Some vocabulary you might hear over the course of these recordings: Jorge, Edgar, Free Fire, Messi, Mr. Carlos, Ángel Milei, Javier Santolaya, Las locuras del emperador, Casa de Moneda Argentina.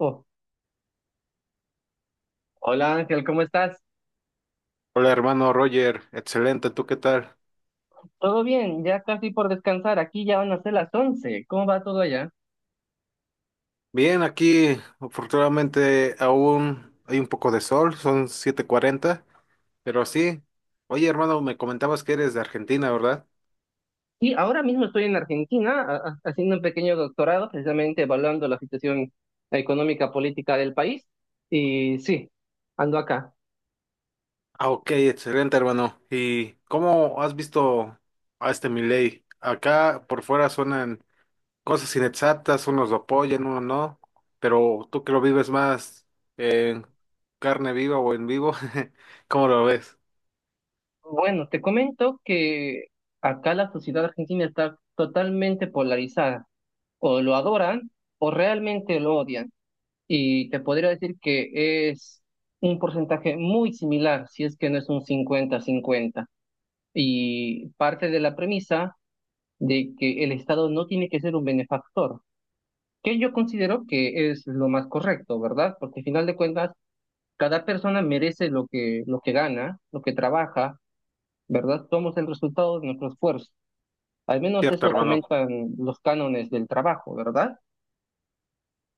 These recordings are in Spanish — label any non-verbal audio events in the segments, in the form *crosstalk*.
Oh, hola Ángel, ¿cómo estás? Hola hermano Roger, excelente, ¿tú qué tal? Todo bien, ya casi por descansar. Aquí ya van a ser las once. ¿Cómo va todo allá? Bien, aquí afortunadamente aún hay un poco de sol, son 7:40, pero sí. Oye hermano, me comentabas que eres de Argentina, ¿verdad? Sí, ahora mismo estoy en Argentina haciendo un pequeño doctorado, precisamente evaluando la situación económica política del país. Y sí, ando acá. Ah, ok, excelente hermano. ¿Y cómo has visto a este Milei? Acá por fuera suenan cosas inexactas, unos lo apoyan, unos no, pero tú que lo vives más en carne viva o en vivo, *laughs* ¿cómo lo ves? Bueno, te comento que acá la sociedad argentina está totalmente polarizada. O lo adoran o realmente lo odian. Y te podría decir que es un porcentaje muy similar, si es que no es un cincuenta-cincuenta. Y parte de la premisa de que el Estado no tiene que ser un benefactor, que yo considero que es lo más correcto, ¿verdad? Porque al final de cuentas, cada persona merece lo que gana, lo que trabaja, ¿verdad? Somos el resultado de nuestro esfuerzo. Al menos Cierto eso hermano. comentan los cánones del trabajo, ¿verdad?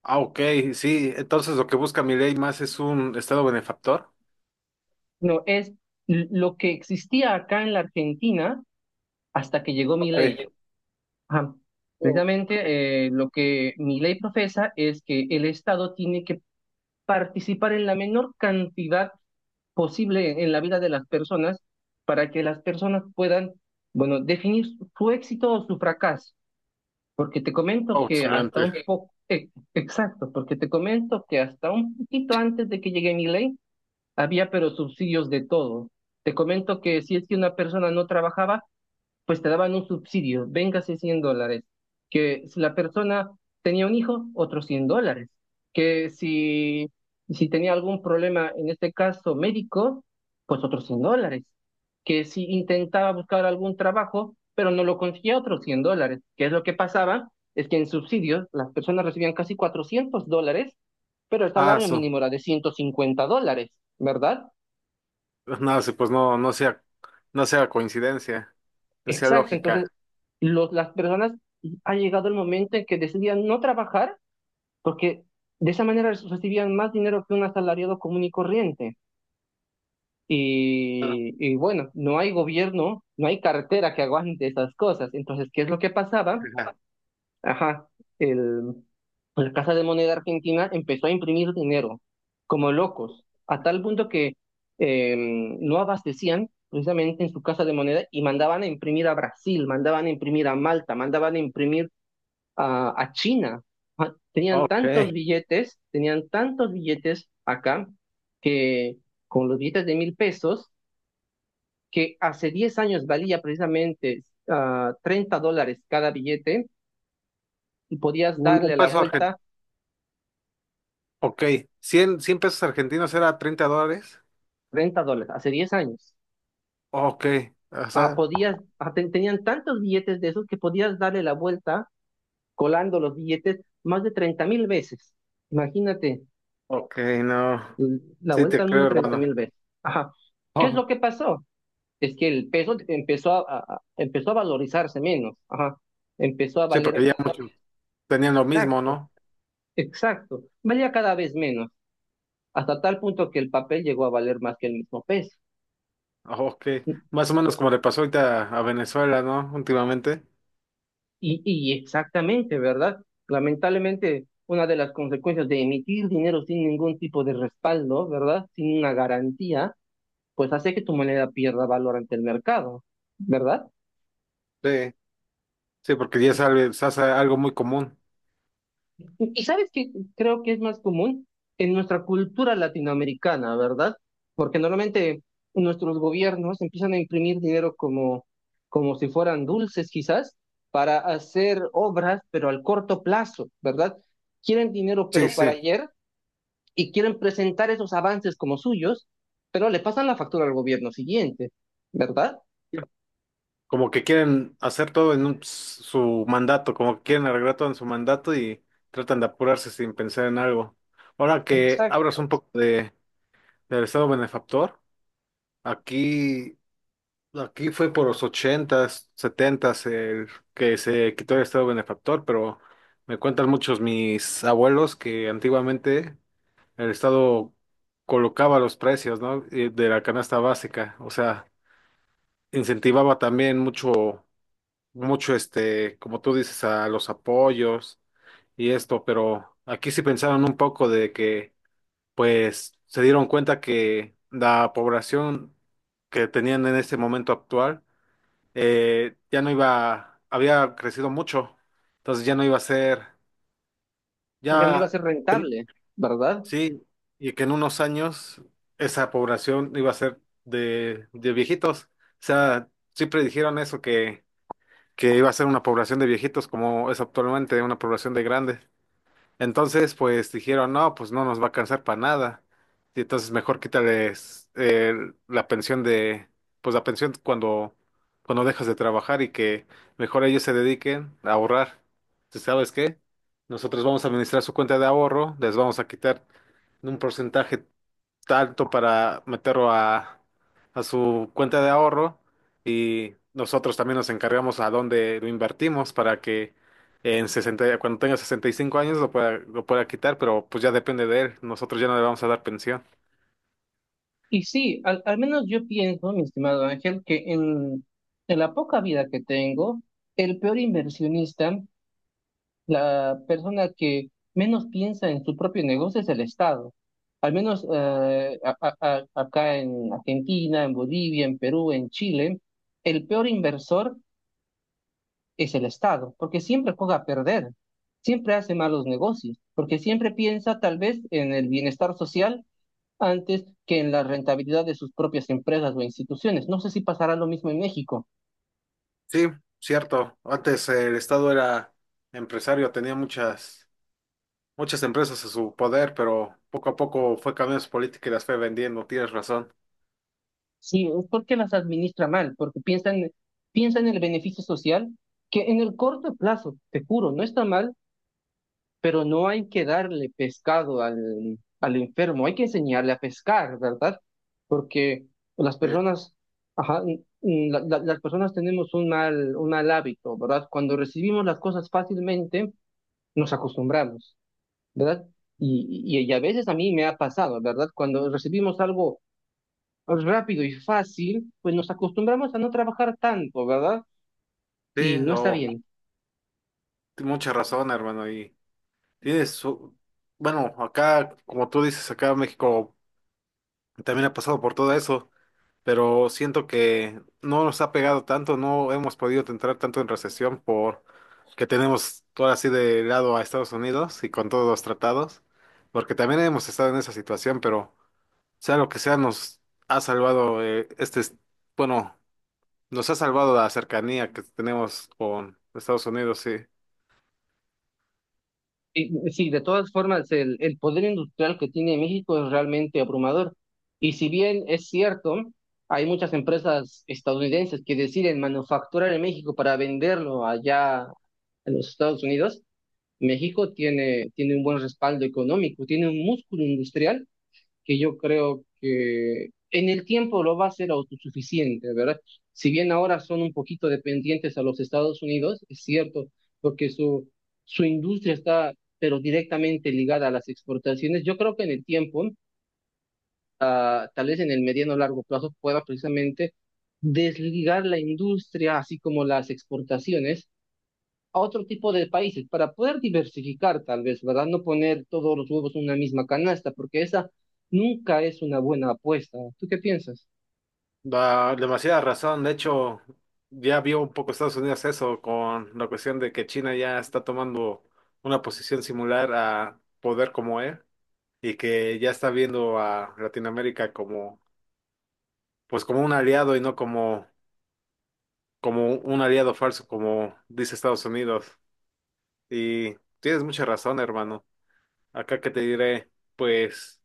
Ah, ok, sí. Entonces lo que busca mi ley más es un estado benefactor. No, es lo que existía acá en la Argentina hasta que llegó Milei. Ok. Ajá. Oh, Precisamente lo que Milei profesa es que el Estado tiene que participar en la menor cantidad posible en la vida de las personas para que las personas puedan, bueno, definir su éxito o su fracaso. Porque te comento que hasta excelente. un poco, exacto, porque te comento que hasta un poquito antes de que llegue Milei había pero subsidios de todo. Te comento que si es que una persona no trabajaba, pues te daban un subsidio, véngase $100, que si la persona tenía un hijo, otros $100, que si tenía algún problema, en este caso médico, pues otros $100, que si intentaba buscar algún trabajo, pero no lo conseguía, otros $100, que es lo que pasaba, es que en subsidios las personas recibían casi $400, pero el Ah, salario eso. mínimo era de $150, ¿verdad? No, sí, pues no, no sea, no sea coincidencia, no sea Exacto, entonces lógica. Las personas ha llegado el momento en que decidían no trabajar porque de esa manera recibían más dinero que un asalariado común y corriente. Y bueno, no hay gobierno, no hay cartera que aguante esas cosas. Entonces, ¿qué es lo que pasaba? Ajá. Ajá, el, la Casa de Moneda Argentina empezó a imprimir dinero como locos, a tal punto que eh, no abastecían precisamente en su Casa de Moneda y mandaban a imprimir a Brasil, mandaban a imprimir a Malta, mandaban a imprimir a China. Ah, tenían tantos Ok. billetes, tenían tantos billetes acá que con los billetes de mil pesos, que hace 10 años valía precisamente $30 cada billete y podías Un darle la peso vuelta. argentino. Ok. Cien pesos argentinos era $30. $30, hace 10 años. Ok. O Ajá, sea, tenían tantos billetes de esos que podías darle la vuelta colando los billetes más de 30.000 veces. Imagínate, ok, no. La Sí, vuelta te al mundo creo, treinta hermano. mil veces. Ajá. ¿Qué es Oh, lo que pasó? Es que el peso empezó a valorizarse menos. Ajá. Empezó a sí, valer porque ya cada. muchos tenían lo mismo, Exacto, ¿no? exacto. Valía cada vez menos, hasta tal punto que el papel llegó a valer más que el mismo peso. Ok. Más o menos como le pasó ahorita a Venezuela, ¿no? Últimamente. Y exactamente, ¿verdad? Lamentablemente, una de las consecuencias de emitir dinero sin ningún tipo de respaldo, ¿verdad? Sin una garantía, pues hace que tu moneda pierda valor ante el mercado, ¿verdad? Sí. Sí, porque ya Sí. sale, se hace algo muy común. Y sabes que creo que es más común en nuestra cultura latinoamericana, ¿verdad? Porque normalmente nuestros gobiernos empiezan a imprimir dinero como si fueran dulces, quizás, para hacer obras, pero al corto plazo, ¿verdad? Quieren dinero, Sí, pero para sí. ayer y quieren presentar esos avances como suyos, pero le pasan la factura al gobierno siguiente, ¿verdad? Como que quieren hacer todo en su mandato, como que quieren arreglar todo en su mandato y tratan de apurarse sin pensar en algo. Ahora que Exacto, hablas un poco del Estado benefactor, aquí, aquí fue por los ochentas, setentas el que se quitó el Estado benefactor, pero me cuentan muchos mis abuelos que antiguamente el Estado colocaba los precios, ¿no? De la canasta básica, o sea incentivaba también mucho, mucho este, como tú dices, a los apoyos y esto, pero aquí sí pensaron un poco de que, pues, se dieron cuenta que la población que tenían en este momento actual ya no iba, había crecido mucho, entonces ya no iba a ser, ya no iba a ya ser rentable, ¿verdad? sí, y que en unos años esa población iba a ser de viejitos, o sea, sí predijeron eso que iba a ser una población de viejitos como es actualmente una población de grandes. Entonces, pues dijeron, no, pues no nos va a alcanzar para nada. Y entonces mejor quítales la pensión de, pues la pensión cuando dejas de trabajar y que mejor ellos se dediquen a ahorrar. Entonces, ¿sabes qué? Nosotros vamos a administrar su cuenta de ahorro, les vamos a quitar un porcentaje alto para meterlo a su cuenta de ahorro y nosotros también nos encargamos a dónde lo invertimos para que en 60 cuando tenga 65 años lo pueda quitar, pero pues ya depende de él, nosotros ya no le vamos a dar pensión. Y sí, al menos yo pienso, mi estimado Ángel, que en la poca vida que tengo, el peor inversionista, la persona que menos piensa en su propio negocio es el Estado. Al menos acá en Argentina, en Bolivia, en Perú, en Chile, el peor inversor es el Estado, porque siempre juega a perder, siempre hace malos negocios, porque siempre piensa tal vez en el bienestar social antes que en la rentabilidad de sus propias empresas o instituciones. No sé si pasará lo mismo en México. Sí, cierto. Antes el Estado era empresario, tenía muchas, muchas empresas a su poder, pero poco a poco fue cambiando su política y las fue vendiendo, tienes razón. Sí, es porque las administra mal, porque piensan en el beneficio social, que en el corto plazo, te juro, no está mal, pero no hay que darle pescado al enfermo, hay que enseñarle a pescar, ¿verdad? Porque las Eh, personas, las personas tenemos un mal hábito, ¿verdad? Cuando recibimos las cosas fácilmente, nos acostumbramos, ¿verdad? Y a veces a mí me ha pasado, ¿verdad? Cuando recibimos algo rápido y fácil, pues nos acostumbramos a no trabajar tanto, ¿verdad? Sí, Y no está o bien. mucha razón, hermano, y tienes, bueno, acá, como tú dices, acá México también ha pasado por todo eso, pero siento que no nos ha pegado tanto, no hemos podido entrar tanto en recesión por que tenemos todo así de lado a Estados Unidos y con todos los tratados, porque también hemos estado en esa situación, pero sea lo que sea, nos ha salvado este, bueno, nos ha salvado la cercanía que tenemos con Estados Unidos, sí. Y sí, de todas formas, el poder industrial que tiene México es realmente abrumador. Y si bien es cierto, hay muchas empresas estadounidenses que deciden manufacturar en México para venderlo allá en los Estados Unidos, México tiene un buen respaldo económico, tiene un músculo industrial que yo creo que en el tiempo lo va a ser autosuficiente, ¿verdad? Si bien ahora son un poquito dependientes a los Estados Unidos, es cierto, porque su industria está, pero directamente ligada a las exportaciones, yo creo que en el tiempo, tal vez en el mediano o largo plazo, pueda precisamente desligar la industria, así como las exportaciones, a otro tipo de países para poder diversificar tal vez, ¿verdad? No poner todos los huevos en una misma canasta, porque esa nunca es una buena apuesta. ¿Tú qué piensas? Da demasiada razón. De hecho, ya vio un poco Estados Unidos eso con la cuestión de que China ya está tomando una posición similar a poder como él y que ya está viendo a Latinoamérica como, pues como un aliado y no como un aliado falso como dice Estados Unidos. Y tienes mucha razón, hermano. Acá que te diré, pues.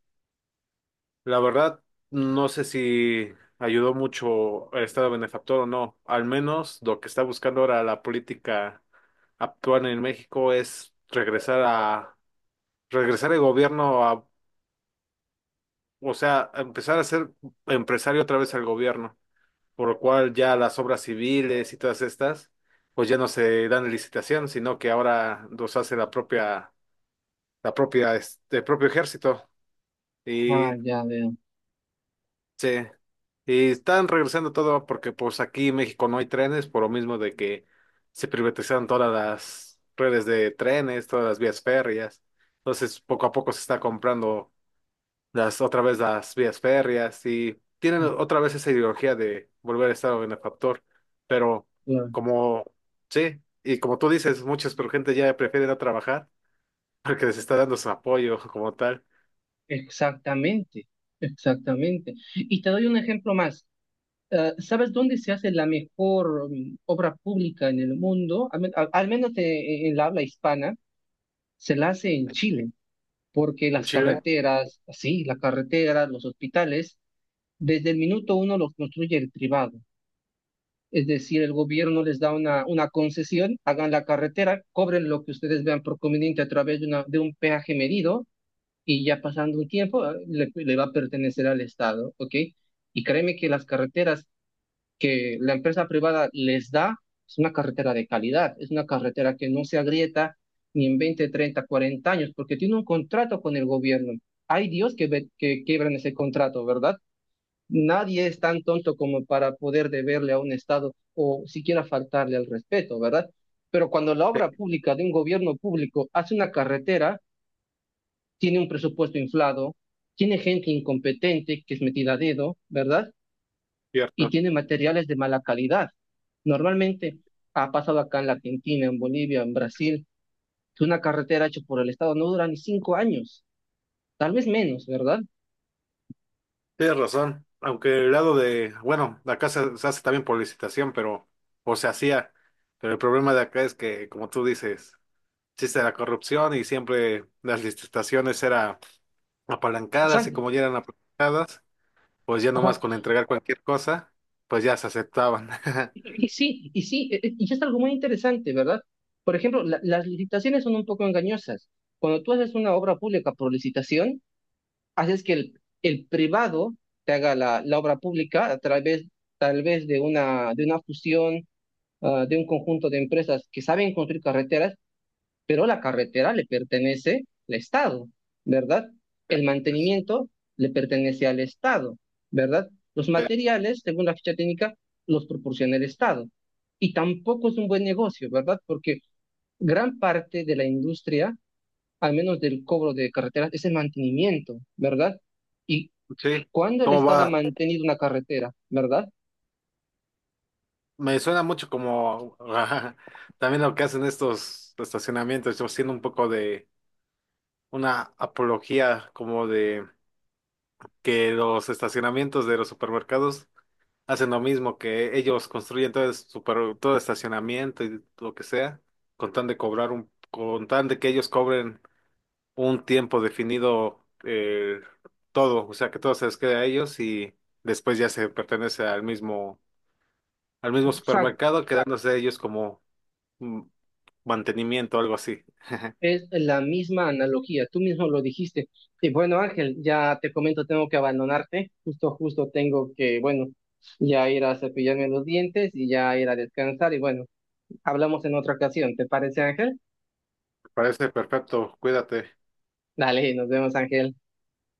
La verdad, no sé si ayudó mucho el Estado benefactor o no. Al menos lo que está buscando ahora la política actual en México es regresar el gobierno a, o sea, a empezar a ser empresario otra vez al gobierno, por lo cual ya las obras civiles y todas estas, pues ya no se dan en licitación, sino que ahora los hace propio ejército. Y Ah, ya veo. sí, y están regresando todo porque pues aquí en México no hay trenes por lo mismo de que se privatizaron todas las redes de trenes, todas las vías férreas. Entonces poco a poco se está comprando las otra vez las vías férreas y tienen otra vez esa ideología de volver a estar benefactor. Pero Claro. como sí, y como tú dices, muchas pero gente ya prefiere no trabajar porque les está dando su apoyo como tal Exactamente, exactamente. Y te doy un ejemplo más. ¿Sabes dónde se hace la mejor obra pública en el mundo? Al menos en la habla hispana, se la hace en Chile, porque en las Chile. carreteras, sí, las carreteras, los hospitales. Desde el minuto uno lo construye el privado. Es decir, el gobierno les da una concesión, hagan la carretera, cobren lo que ustedes vean por conveniente a través de un peaje medido y ya pasando un tiempo le va a pertenecer al Estado, ¿ok? Y créeme que las carreteras que la empresa privada les da es una carretera de calidad, es una carretera que no se agrieta ni en 20, 30, 40 años, porque tiene un contrato con el gobierno. Hay Dios que quiebran ese contrato, ¿verdad? Nadie es tan tonto como para poder deberle a un Estado o siquiera faltarle al respeto, ¿verdad? Pero cuando la Sí, obra pública de un gobierno público hace una carretera, tiene un presupuesto inflado, tiene gente incompetente que es metida a dedo, ¿verdad? Y cierto. tiene materiales de mala calidad. Normalmente ha pasado acá en la Argentina, en Bolivia, en Brasil, que una carretera hecha por el Estado no dura ni 5 años, tal vez menos, ¿verdad? Tienes razón, aunque el lado de, bueno, de acá se hace también por licitación, pero, o se hacía, pero el problema de acá es que, como tú dices, existe la corrupción y siempre las licitaciones eran apalancadas y Exacto. como ya eran apalancadas, pues ya Ajá. nomás con entregar cualquier cosa, pues ya se aceptaban. *laughs* Y es algo muy interesante, ¿verdad? Por ejemplo, las licitaciones son un poco engañosas. Cuando tú haces una obra pública por licitación, haces que el privado te haga la obra pública a través, tal vez de una fusión, de un conjunto de empresas que saben construir carreteras, pero la carretera le pertenece al Estado, ¿verdad? El Pues, mantenimiento le pertenece al Estado, ¿verdad? Los eh, materiales, según la ficha técnica, los proporciona el Estado. Y tampoco es un buen negocio, ¿verdad? Porque gran parte de la industria, al menos del cobro de carreteras, es el mantenimiento, ¿verdad? Y sí, cuando el ¿cómo Estado ha va? mantenido una carretera, ¿verdad? Me suena mucho como *laughs* también lo que hacen estos estacionamientos, yo siendo un poco de una apología como de... que los estacionamientos de los supermercados hacen lo mismo, que ellos construyen todo, todo el estacionamiento y lo que sea, con tan de que ellos cobren un tiempo definido todo, o sea que todo se les queda a ellos y después ya se pertenece al mismo, al O mismo sea, supermercado, quedándose ellos como mm, mantenimiento, algo así. es la misma analogía, tú mismo lo dijiste. Y bueno, Ángel, ya te comento, tengo que abandonarte, justo tengo que, bueno, ya ir a cepillarme los dientes y ya ir a descansar. Y bueno, hablamos en otra ocasión, ¿te parece, Ángel? Parece perfecto, cuídate. Dale, nos vemos, Ángel.